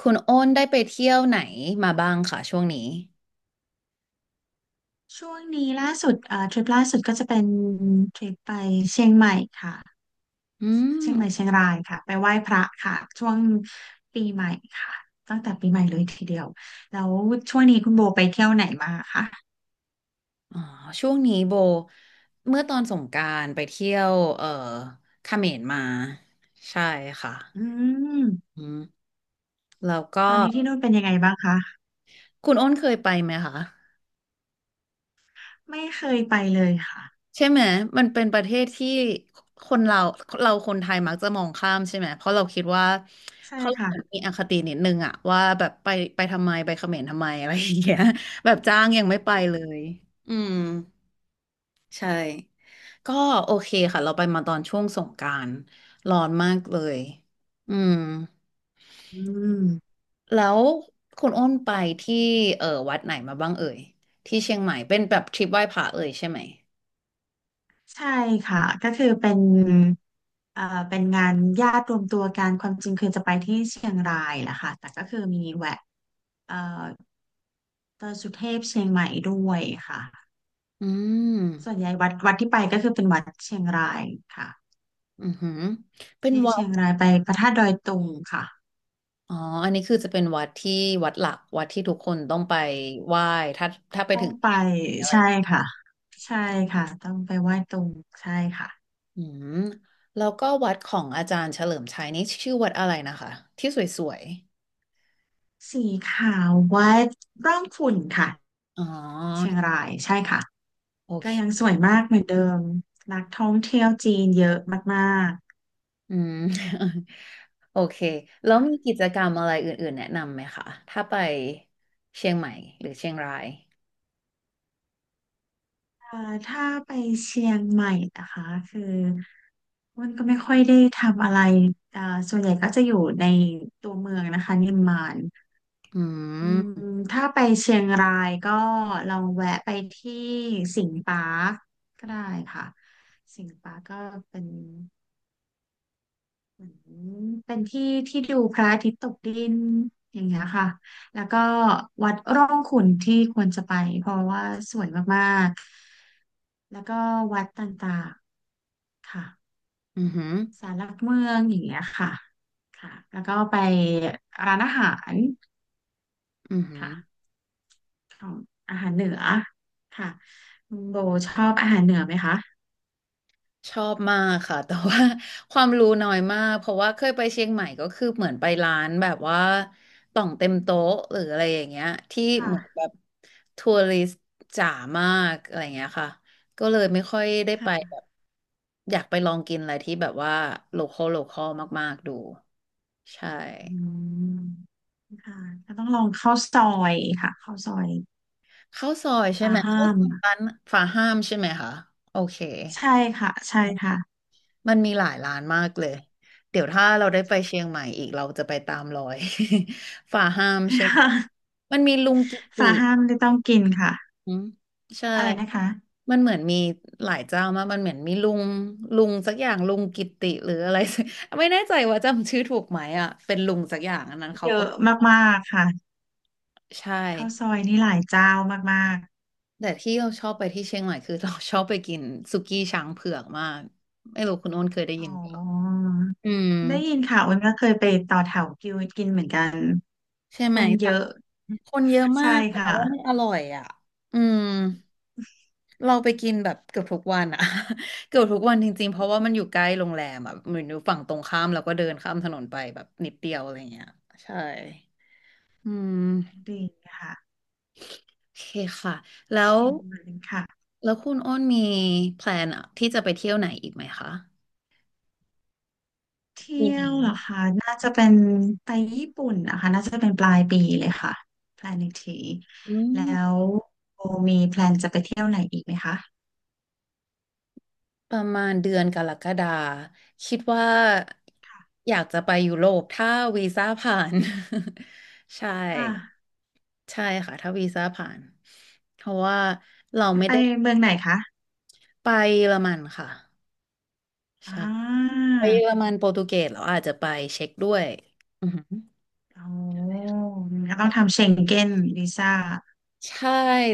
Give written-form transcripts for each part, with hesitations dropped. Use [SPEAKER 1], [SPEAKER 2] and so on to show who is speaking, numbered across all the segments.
[SPEAKER 1] คุณโอ้นได้ไปเที่ยวไหนมาบ้างค่ะช่วงนี้
[SPEAKER 2] ช่วงนี้ล่าสุดทริปล่าสุดก็จะเป็นทริปไปเชียงใหม่ค่ะ
[SPEAKER 1] อื
[SPEAKER 2] เชียงใหม่
[SPEAKER 1] ม
[SPEAKER 2] เชียงรายค่ะไปไหว้พระค่ะช่วงปีใหม่ค่ะตั้งแต่ปีใหม่เลยทีเดียวแล้วช่วงนี้คุณโบไปเที่ยวไหนมาคะ
[SPEAKER 1] อ๋อช่วงนี้โบเมื่อตอนสงกรานต์ไปเที่ยวเขมรมา ใช่ค่ะ
[SPEAKER 2] อืม
[SPEAKER 1] อืมแล้วก็
[SPEAKER 2] ตอนนี้ที่นู่นเป็นยังไงบ้างคะ
[SPEAKER 1] คุณโอ้นเคยไปไหมคะ
[SPEAKER 2] ไม่เคยไปเลยค่ะ
[SPEAKER 1] ใช่ไหม มันเป็นประเทศที่คนเราคนไทยมักจะมองข้ามใช่ไหม เพราะเราคิดว่า
[SPEAKER 2] ใช่
[SPEAKER 1] เพราะ
[SPEAKER 2] ค่ะ
[SPEAKER 1] เรามีอคตินิดนึงอะว่าแบบไปทำไมไปเขมรทำไมอะไรอย่างเงี้ยแบบจ้างยังไม่ไปเลย อืม ใช่ก็โอเคค่ะเราไปมาตอนช่วงสงกรานต์ร้อนมากเลยอืม
[SPEAKER 2] อืม
[SPEAKER 1] แล้วคุณอ้นไปที่เออวัดไหนมาบ้างเอ่ยที่เชียงใหม่เป็นแบบทริปไหว้พระเอ่ยใช่ไหม
[SPEAKER 2] ใช่ค่ะก็คือเป็นเอ่อเป็นงานญาติรวมตัวกันความจริงคือจะไปที่เชียงรายแหละค่ะแต่ก็คือมีแวะเอ่อ ดอยสุเทพเชียงใหม่ด้วยค่ะ
[SPEAKER 1] อืม
[SPEAKER 2] ส่วนใหญ่วัดที่ไปก็คือเป็นวัดเชียงรายค่ะ
[SPEAKER 1] อือหือเป็น
[SPEAKER 2] ที่
[SPEAKER 1] วั
[SPEAKER 2] เชี
[SPEAKER 1] ด
[SPEAKER 2] ยงรายไปพระธาตุดอยตุงค่ะ
[SPEAKER 1] อ๋ออันนี้คือจะเป็นวัดที่วัดหลักวัดที่ทุกคนต้องไปไหว้ถ้าถ้าไป
[SPEAKER 2] ต้อ
[SPEAKER 1] ถึ
[SPEAKER 2] ง
[SPEAKER 1] ง
[SPEAKER 2] ไป
[SPEAKER 1] เชียงใหม่อะไร
[SPEAKER 2] ใช่ค่ะใช่ค่ะต้องไปไหว้ตุงใช่ค่ะ
[SPEAKER 1] อืมแล้วก็วัดของอาจารย์เฉลิมชัยนี่ชื่อวัดอะไรนะคะที่สวย
[SPEAKER 2] สีขาววัดร่องขุ่นค่ะ
[SPEAKER 1] ๆอ๋อ
[SPEAKER 2] เชียงรายใช่ค่ะ
[SPEAKER 1] โอ
[SPEAKER 2] ก็
[SPEAKER 1] เค
[SPEAKER 2] ยังสวยมากเหมือนเดิมนักท่องเที่ยวจีนเยอะมากๆ
[SPEAKER 1] อืม โอเคแล้วมีกิจกรรมอะไรอื่นๆแนะนำไหมคะถ้าไปเชียงใหม่หรือเชียงราย
[SPEAKER 2] อ่าถ้าไปเชียงใหม่นะคะคือมันก็ไม่ค่อยได้ทำอะไรอ่าส่วนใหญ่ก็จะอยู่ในตัวเมืองนะคะนิมมาน
[SPEAKER 1] อื
[SPEAKER 2] อืม
[SPEAKER 1] ม
[SPEAKER 2] ถ้าไปเชียงรายก็ลองแวะไปที่สิงห์ปาร์คก็ได้ค่ะสิงห์ปาร์คก็เป็นเหมือนเป็นที่ที่ดูพระอาทิตย์ตกดินอย่างเงี้ยค่ะแล้วก็วัดร่องขุ่นที่ควรจะไปเพราะว่าสวยมากๆแล้วก็วัดต่างๆ ค่ะ
[SPEAKER 1] อือหือ
[SPEAKER 2] ศาลหลักเมืองอย่างเงี้ยค่ะค่ะแล้วก็ไปร้านอาหาร
[SPEAKER 1] อือหือ
[SPEAKER 2] ค่ะของอาหารเหนือค่ะคุณโบชอบอาหารเหนือไหมคะ
[SPEAKER 1] ชอบมากค่ะ แต่ว่า ความรู้น้อยมากเพราะว่าเคยไปเชียงใหม่ก็คือเหมือนไปร้านแบบว่าต่องเต็มโต๊ะหรืออะไรอย่างเงี้ยที่เหมือนแบ
[SPEAKER 2] ค่ะ
[SPEAKER 1] บทัวริสต์จ๋ามากอะไรอย่างเงี้ยค่ะก็เลยไม่ค่อยได้ไป
[SPEAKER 2] ค่ะ
[SPEAKER 1] แบบอยากไปลองกินอะไรที่แบบว่าโลคอลมากๆดูใช่
[SPEAKER 2] อืมค่ะก็ต้องลองข้าวซอยค่ะข้าวซอย
[SPEAKER 1] ข้าวซอยใช่
[SPEAKER 2] ฟ้า
[SPEAKER 1] ไหม
[SPEAKER 2] ห้า
[SPEAKER 1] ข้าว
[SPEAKER 2] ม
[SPEAKER 1] ซอยร้านฝาห้ามใช่ไหมคะโอเค
[SPEAKER 2] ใช่ค่ะใช่ค่ะ
[SPEAKER 1] มันมีหลายร้านมากเลย เดี๋ยวถ้าเราได้ไปเชียงใหม่อีกเราจะไปตามรอย ฝ่าห้ามเชียง มันมีลุงกิติ
[SPEAKER 2] ฟ้าห้ามไม่ต้องกินค่ะ
[SPEAKER 1] อืมใช่
[SPEAKER 2] อะไรนะคะ
[SPEAKER 1] มันเหมือนมีหลายเจ้ามากมันเหมือนมีลุงสักอย่างลุงกิติหรืออะไร สักไม่แน่ใจว่าจำชื่อถูกไหมอ่ะเป็นลุงสักอย่างอันนั้นเขา
[SPEAKER 2] เย
[SPEAKER 1] ก็
[SPEAKER 2] อะมากๆค่ะ
[SPEAKER 1] ใช่
[SPEAKER 2] ข้าวซอยนี่หลายเจ้ามาก
[SPEAKER 1] แต่ที่เราชอบไปที่เชียงใหม่คือเราชอบไปกินสุกี้ช้างเผือกมากไม่รู้คุณโอ้นเคยได้
[SPEAKER 2] อ๋
[SPEAKER 1] ยิน
[SPEAKER 2] อ
[SPEAKER 1] เปล่าอืม
[SPEAKER 2] ได้ยินค่ะอ้นก็เคยไปต่อแถวกิวกินเหมือนกัน
[SPEAKER 1] ใช่
[SPEAKER 2] ค
[SPEAKER 1] ไหม
[SPEAKER 2] น
[SPEAKER 1] แต่
[SPEAKER 2] เยอะ
[SPEAKER 1] คนเยอะมา
[SPEAKER 2] ใช่
[SPEAKER 1] กแต่
[SPEAKER 2] ค่ะ
[SPEAKER 1] ว่าไม่อร่อยอ่ะอืมเราไปกินแบบเกือบทุกวันอ่ะ เกือบทุกวันจริงๆเพราะว่ามันอยู่ใกล้โรงแรมอ่ะเหมือนอยู่ฝั่งตรงข้ามแล้วก็เดินข้ามถนนไปแบบนิดเดียวอะไรเงี้ยใช่อืม
[SPEAKER 2] ดีค่ะ
[SPEAKER 1] โอเคค่ะแล้ว
[SPEAKER 2] เชียงใหม่ค่ะ
[SPEAKER 1] แล้วคุณอ้นมีแพลนอะที่จะไปเที่ยวไหนอีกไหมคะ
[SPEAKER 2] เที่
[SPEAKER 1] มีไห
[SPEAKER 2] ย
[SPEAKER 1] ม
[SPEAKER 2] วเหรอคะน่าจะเป็นไปญี่ปุ่นนะคะน่าจะเป็นปลายปีเลยค่ะแพลนอีกที
[SPEAKER 1] อื
[SPEAKER 2] แล้
[SPEAKER 1] ม
[SPEAKER 2] วโบมีแพลนจะไปเที่ยวไหนอีกไหมคะ
[SPEAKER 1] ประมาณเดือนกรกฎาคิดว่า
[SPEAKER 2] ค่ะ
[SPEAKER 1] อยากจะไปยุโรปถ้าวีซ่าผ่าน ใช่
[SPEAKER 2] ค่ะ
[SPEAKER 1] ใช่ค่ะถ้าวีซ่าผ่านเพราะว่าเราไม่
[SPEAKER 2] ไป
[SPEAKER 1] ได้
[SPEAKER 2] เมืองไหนคะ
[SPEAKER 1] ไปเยอรมันค่ะ
[SPEAKER 2] อ่
[SPEAKER 1] ใช่
[SPEAKER 2] า
[SPEAKER 1] ไปเยอรมันโปรตุเกสเราอาจจะไปเช็กด้วยอือหือ
[SPEAKER 2] โอ้ก็ต้องทำเชงเก้นวีซ่า
[SPEAKER 1] ใช่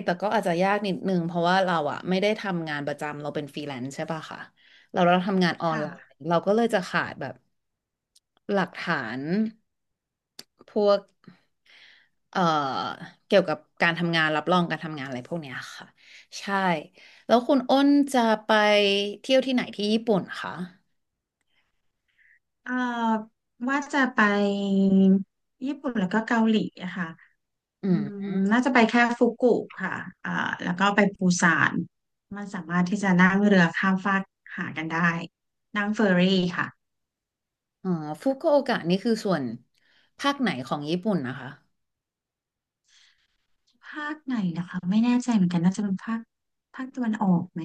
[SPEAKER 1] แต่ก็อาจจะยากนิดนึงเพราะว่าเราอะไม่ได้ทำงานประจำเราเป็นฟรีแลนซ์ใช่ป่ะค่ะเราทำงานออน
[SPEAKER 2] ค่ะ
[SPEAKER 1] ไลน์เราก็เลยจะขาดแบบหลักฐานพวก เอ่อเกี่ยวกับการทำงานรับรองการทำงานอะไรพวกเนี้ยค่ะใช่แล้วคุณอ้นจะไปเที่ยวที่ไหนที่ญี่ปุ่นคะ
[SPEAKER 2] เอ่อว่าจะไปญี่ปุ่นแล้วก็เกาหลีอะค่ะ
[SPEAKER 1] อื
[SPEAKER 2] อื
[SPEAKER 1] ม
[SPEAKER 2] มน่าจะไปแค่ฟุกุค่ะอ่าแล้วก็ไปปูซานมันสามารถที่จะนั่งเรือข้ามฟากหากันได้นั่งเฟอร์รี่ค่ะ
[SPEAKER 1] อ๋อฟุกุโอกะนี่คือส่วนภาคไหนของญี่ปุ่นนะคะ
[SPEAKER 2] ภาคไหนนะคะไม่แน่ใจเหมือนกันน่าจะเป็นภาคตะวันออกไหม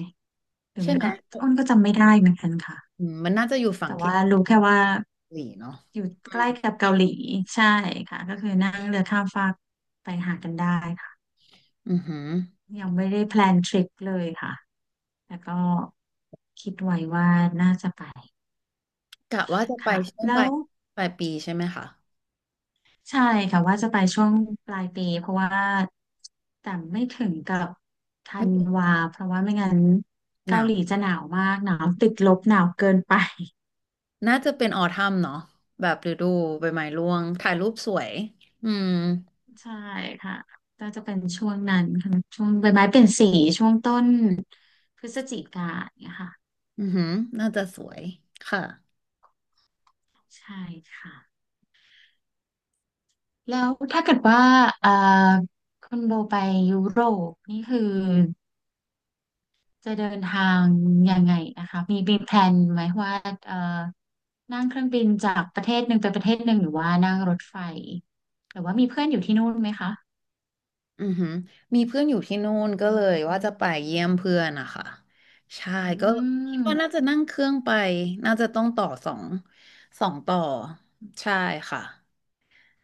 [SPEAKER 2] หรือ
[SPEAKER 1] ใช่
[SPEAKER 2] ไม่
[SPEAKER 1] ไหม
[SPEAKER 2] ก็อ้นก็จำไม่ได้เหมือนกันค่ะ
[SPEAKER 1] อืมมันน่าจะอยู่ฝั่ง
[SPEAKER 2] แต่
[SPEAKER 1] ที่
[SPEAKER 2] ว่า
[SPEAKER 1] เกา
[SPEAKER 2] รู้แค่ว่า
[SPEAKER 1] หลีเนาะ
[SPEAKER 2] อยู่
[SPEAKER 1] อื
[SPEAKER 2] ใก
[SPEAKER 1] ม
[SPEAKER 2] ล้กับเกาหลีใช่ค่ะก็คือนั่งเรือข้ามฟากไปหากันได้ค่ะ
[SPEAKER 1] อือหือ
[SPEAKER 2] ยังไม่ได้แพลนทริปเลยค่ะแต่ก็คิดไว้ว่าน่าจะไป
[SPEAKER 1] กะว่าจะไป
[SPEAKER 2] ค่ะ
[SPEAKER 1] ช่วง
[SPEAKER 2] แล้
[SPEAKER 1] ปลาย
[SPEAKER 2] ว
[SPEAKER 1] ปลายปีใช่ไหมคะ
[SPEAKER 2] ใช่ค่ะว่าจะไปช่วงปลายปีเพราะว่าแต่ไม่ถึงกับธั
[SPEAKER 1] ไม่
[SPEAKER 2] น
[SPEAKER 1] ถึง
[SPEAKER 2] วาเพราะว่าไม่งั้น
[SPEAKER 1] ห
[SPEAKER 2] เกา
[SPEAKER 1] นา
[SPEAKER 2] ห
[SPEAKER 1] ว
[SPEAKER 2] ลีจะหนาวมากหนาวติดลบหนาวเกินไป
[SPEAKER 1] น่าจะเป็นออทัมเนาะแบบฤดูใบไม้ร่วงถ่ายรูปสวยอืม
[SPEAKER 2] ใช่ค่ะก็จะเป็นช่วงนั้นค่ะช่วงใบไม้เปลี่ยนสีช่วงต้นพฤศจิกาเนี่ยค่ะ
[SPEAKER 1] อือหือน่าจะสวยค่ะ
[SPEAKER 2] ใช่ค่ะ แล้วถ้าเกิดว่าอ่าคุณโบไปยุโรปนี่คือจะเดินทางยังไงนะคะมีแพลนไหมว่าเอ่อนั่งเครื่องบินจากประเทศหนึ่งไปประเทศหนึ่งหรือว่านั่งรถไฟหรือว่ามีเพื่อนอยู่ที่นู่นไหมคะ
[SPEAKER 1] อือหือมีเพื่อนอยู่ที่นู่นก็เลยว่าจะไปเยี่ยมเพื่อนนะคะใช่
[SPEAKER 2] อื
[SPEAKER 1] ก็คิด
[SPEAKER 2] ม
[SPEAKER 1] ว่าน่าจะนั่งเครื่องไปน่าจะต้องต่อสองสองต่อใช่ค่ะ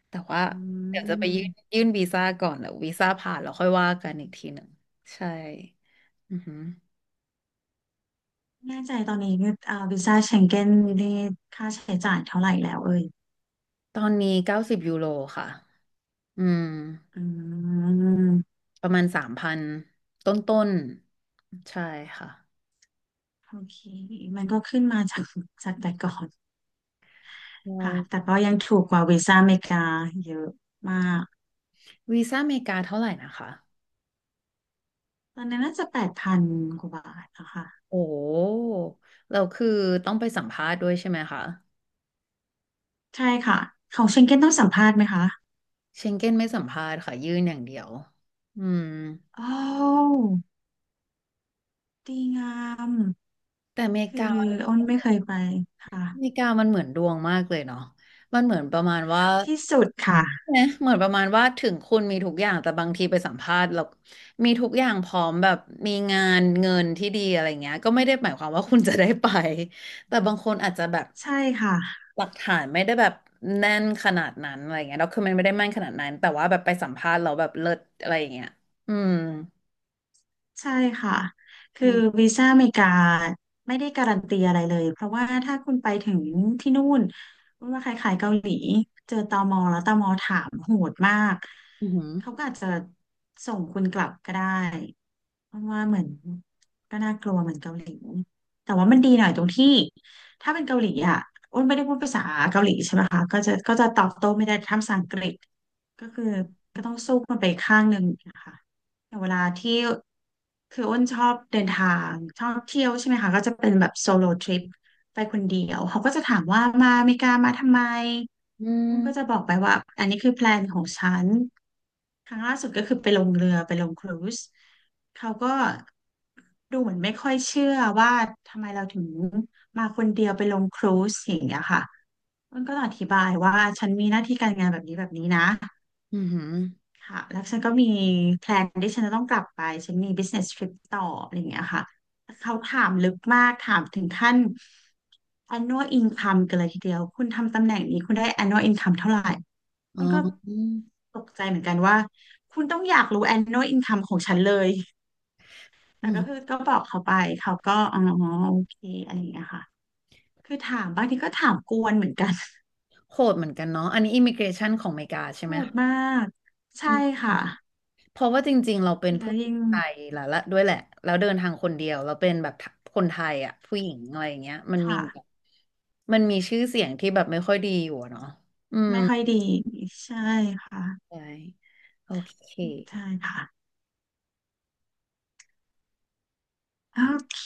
[SPEAKER 1] แต่ว่า
[SPEAKER 2] อื
[SPEAKER 1] เดี๋ยวจะไปยื่น
[SPEAKER 2] ม
[SPEAKER 1] ยื่นวีซ่าก่อนเดี๋ยววีซ่าผ่านแล้วค่อยว่ากันอีกทีหนึ่งใช่อือหือ
[SPEAKER 2] แน่ใจตอนนี้เอ่ยอาวีซ่าเชงเก้นนี่ค่าใช้จ่ายเท่าไหร่แล้วเอ่ย
[SPEAKER 1] ตอนนี้90 ยูโรค่ะอืม
[SPEAKER 2] อืม
[SPEAKER 1] ประมาณ3,000ต้นต้นๆใช่ค่ะ
[SPEAKER 2] โอเคมันก็ขึ้นมาจากจากแต่ก่อน
[SPEAKER 1] ใช
[SPEAKER 2] ค่ะ แต่
[SPEAKER 1] ่
[SPEAKER 2] ก็ยังถูกกว่าวีซ่าอเมริกาเยอะมาก
[SPEAKER 1] วีซ่าอเมริกาเท่าไหร่นะคะ
[SPEAKER 2] ตอนนั้นน่าจะ8,000กว่าบาทนะคะ
[SPEAKER 1] โอ้เราคือต้องไปสัมภาษณ์ด้วยใช่ไหมคะ
[SPEAKER 2] ใช่ค่ะ ของเชงเก้นต้องสัมภาษณ์ไหมคะ
[SPEAKER 1] เชงเก้นไม่สัมภาษณ์ค่ะยื่นอย่างเดียวอืม
[SPEAKER 2] โอ้าวดีงาม
[SPEAKER 1] แต่อเมริ
[SPEAKER 2] คือ
[SPEAKER 1] กา
[SPEAKER 2] อ้นไม่เคยไปค่ะ
[SPEAKER 1] มันเหมือนดวงมากเลยเนาะมันเหมือนประมาณว่า
[SPEAKER 2] ที่สุดค่ะ
[SPEAKER 1] เนะเหมือนประมาณว่าถึงคุณมีทุกอย่างแต่บางทีไปสัมภาษณ์แล้วมีทุกอย่างพร้อมแบบมีงานเงินที่ดีอะไรเงี้ยก็ไม่ได้หมายความว่าคุณจะได้ไปแต่บางคนอาจจะแบบ
[SPEAKER 2] ใช่ค่ะ
[SPEAKER 1] หลักฐานไม่ได้แบบแน่นขนาดนั้นอะไรเงี้ยด็อกคือมันไม่ได้แม่นขนาดนั้นแต่ว่าแบบไปสัมภาษณ์เราแล้วแบบเลิศอะไรอย่างเงี้ยอืม
[SPEAKER 2] ใช่ค่ะ คื
[SPEAKER 1] อื
[SPEAKER 2] อ
[SPEAKER 1] ม
[SPEAKER 2] วีซ่าอเมริกาไม่ได้การันตีอะไรเลย เพราะว่าถ้าคุณไปถึงที่นู่นมันว่าคล้ายๆเกาหลีเจอตมแล้วตมถามโหดมาก
[SPEAKER 1] อื
[SPEAKER 2] เขา
[SPEAKER 1] ม
[SPEAKER 2] ก็อาจจะส่งคุณกลับก็ได้เพราะว่าเหมือนก็น่ากลัวเหมือนเกาหลี แต่ว่ามันดีหน่อยตรงที่ถ้าเป็นเกาหลีอ่ะอ้นไม่ได้พูดภาษาเกาหลีใช่ไหมคะก็จะตอบโต้ไม่ได้ทำภาษาอังกฤษ ก็คือก็ต้องสู้มันไปข้างหนึ่งนะคะแต่เวลาที่คืออ้นชอบเดินทางชอบเที่ยวใช่ไหมคะก็จะเป็นแบบโซโลทริปไปคนเดียวเขาก็จะถามว่ามาอเมริกามาทำไม
[SPEAKER 1] อื
[SPEAKER 2] อ้นก็จะ
[SPEAKER 1] ม
[SPEAKER 2] บอกไปว่าอันนี้คือแพลนของฉันครั้งล่าสุดก็คือไปลงเรือไปลงครูซเขาก็ดูเหมือนไม่ค่อยเชื่อว่าทำไมเราถึงมาคนเดียวไปลงครูซอย่างเงี้ยค่ะอ้นก็ต้องอธิบายว่าฉันมีหน้าที่การงานแบบนี้แบบนี้นะ
[SPEAKER 1] อืม
[SPEAKER 2] ค่ะแล้วฉันก็มีแพลนที่ฉันจะต้องกลับไป ฉันมี business trip ต่ออะไรอย่างเงี้ยค่ะแต่เขาถามลึกมากถามถึงขั้น annual income กันเลยทีเดียว คุณทำตำแหน่งนี้คุณได้ annual income เท่าไหร่
[SPEAKER 1] อ๋อ
[SPEAKER 2] มันก็
[SPEAKER 1] อืม
[SPEAKER 2] ตกใจเหมือนกันว่า คุณต้องอยากรู้ annual income ของฉันเลย แต่
[SPEAKER 1] อื
[SPEAKER 2] ก็คือ
[SPEAKER 1] ม
[SPEAKER 2] ก็บอกเขาไป เขาก็อ๋อ โอเคอะไรอย่างเงี้ยค่ะ คือถามบางทีก็ถามกวนเหมือนกัน
[SPEAKER 1] โหดเหมือนกันเนาะอันนี้อิมิเกรชันของอเมริกาใช่
[SPEAKER 2] โห
[SPEAKER 1] ไหม
[SPEAKER 2] ด
[SPEAKER 1] คะ
[SPEAKER 2] มากใช่
[SPEAKER 1] อืม
[SPEAKER 2] ค่ะ
[SPEAKER 1] เพราะว่าจริงๆเราเป็น
[SPEAKER 2] แล้
[SPEAKER 1] ผู้
[SPEAKER 2] ว
[SPEAKER 1] หญิ
[SPEAKER 2] ยิ่ง
[SPEAKER 1] งไทยแล้วละด้วยแหละแล้วเดินทางคนเดียวเราเป็นแบบคนไทยอ่ะผู้หญิงอะไรอย่างเงี้ยมันมี
[SPEAKER 2] ค่ะ
[SPEAKER 1] มีชื่อเสียงที่แบบไม่ค่อยดีอยู่อะเนาะอืม
[SPEAKER 2] ไม่ค่อยดีใช่ค่ะ
[SPEAKER 1] ใช่โอเค
[SPEAKER 2] ใช่ค่ะโอเค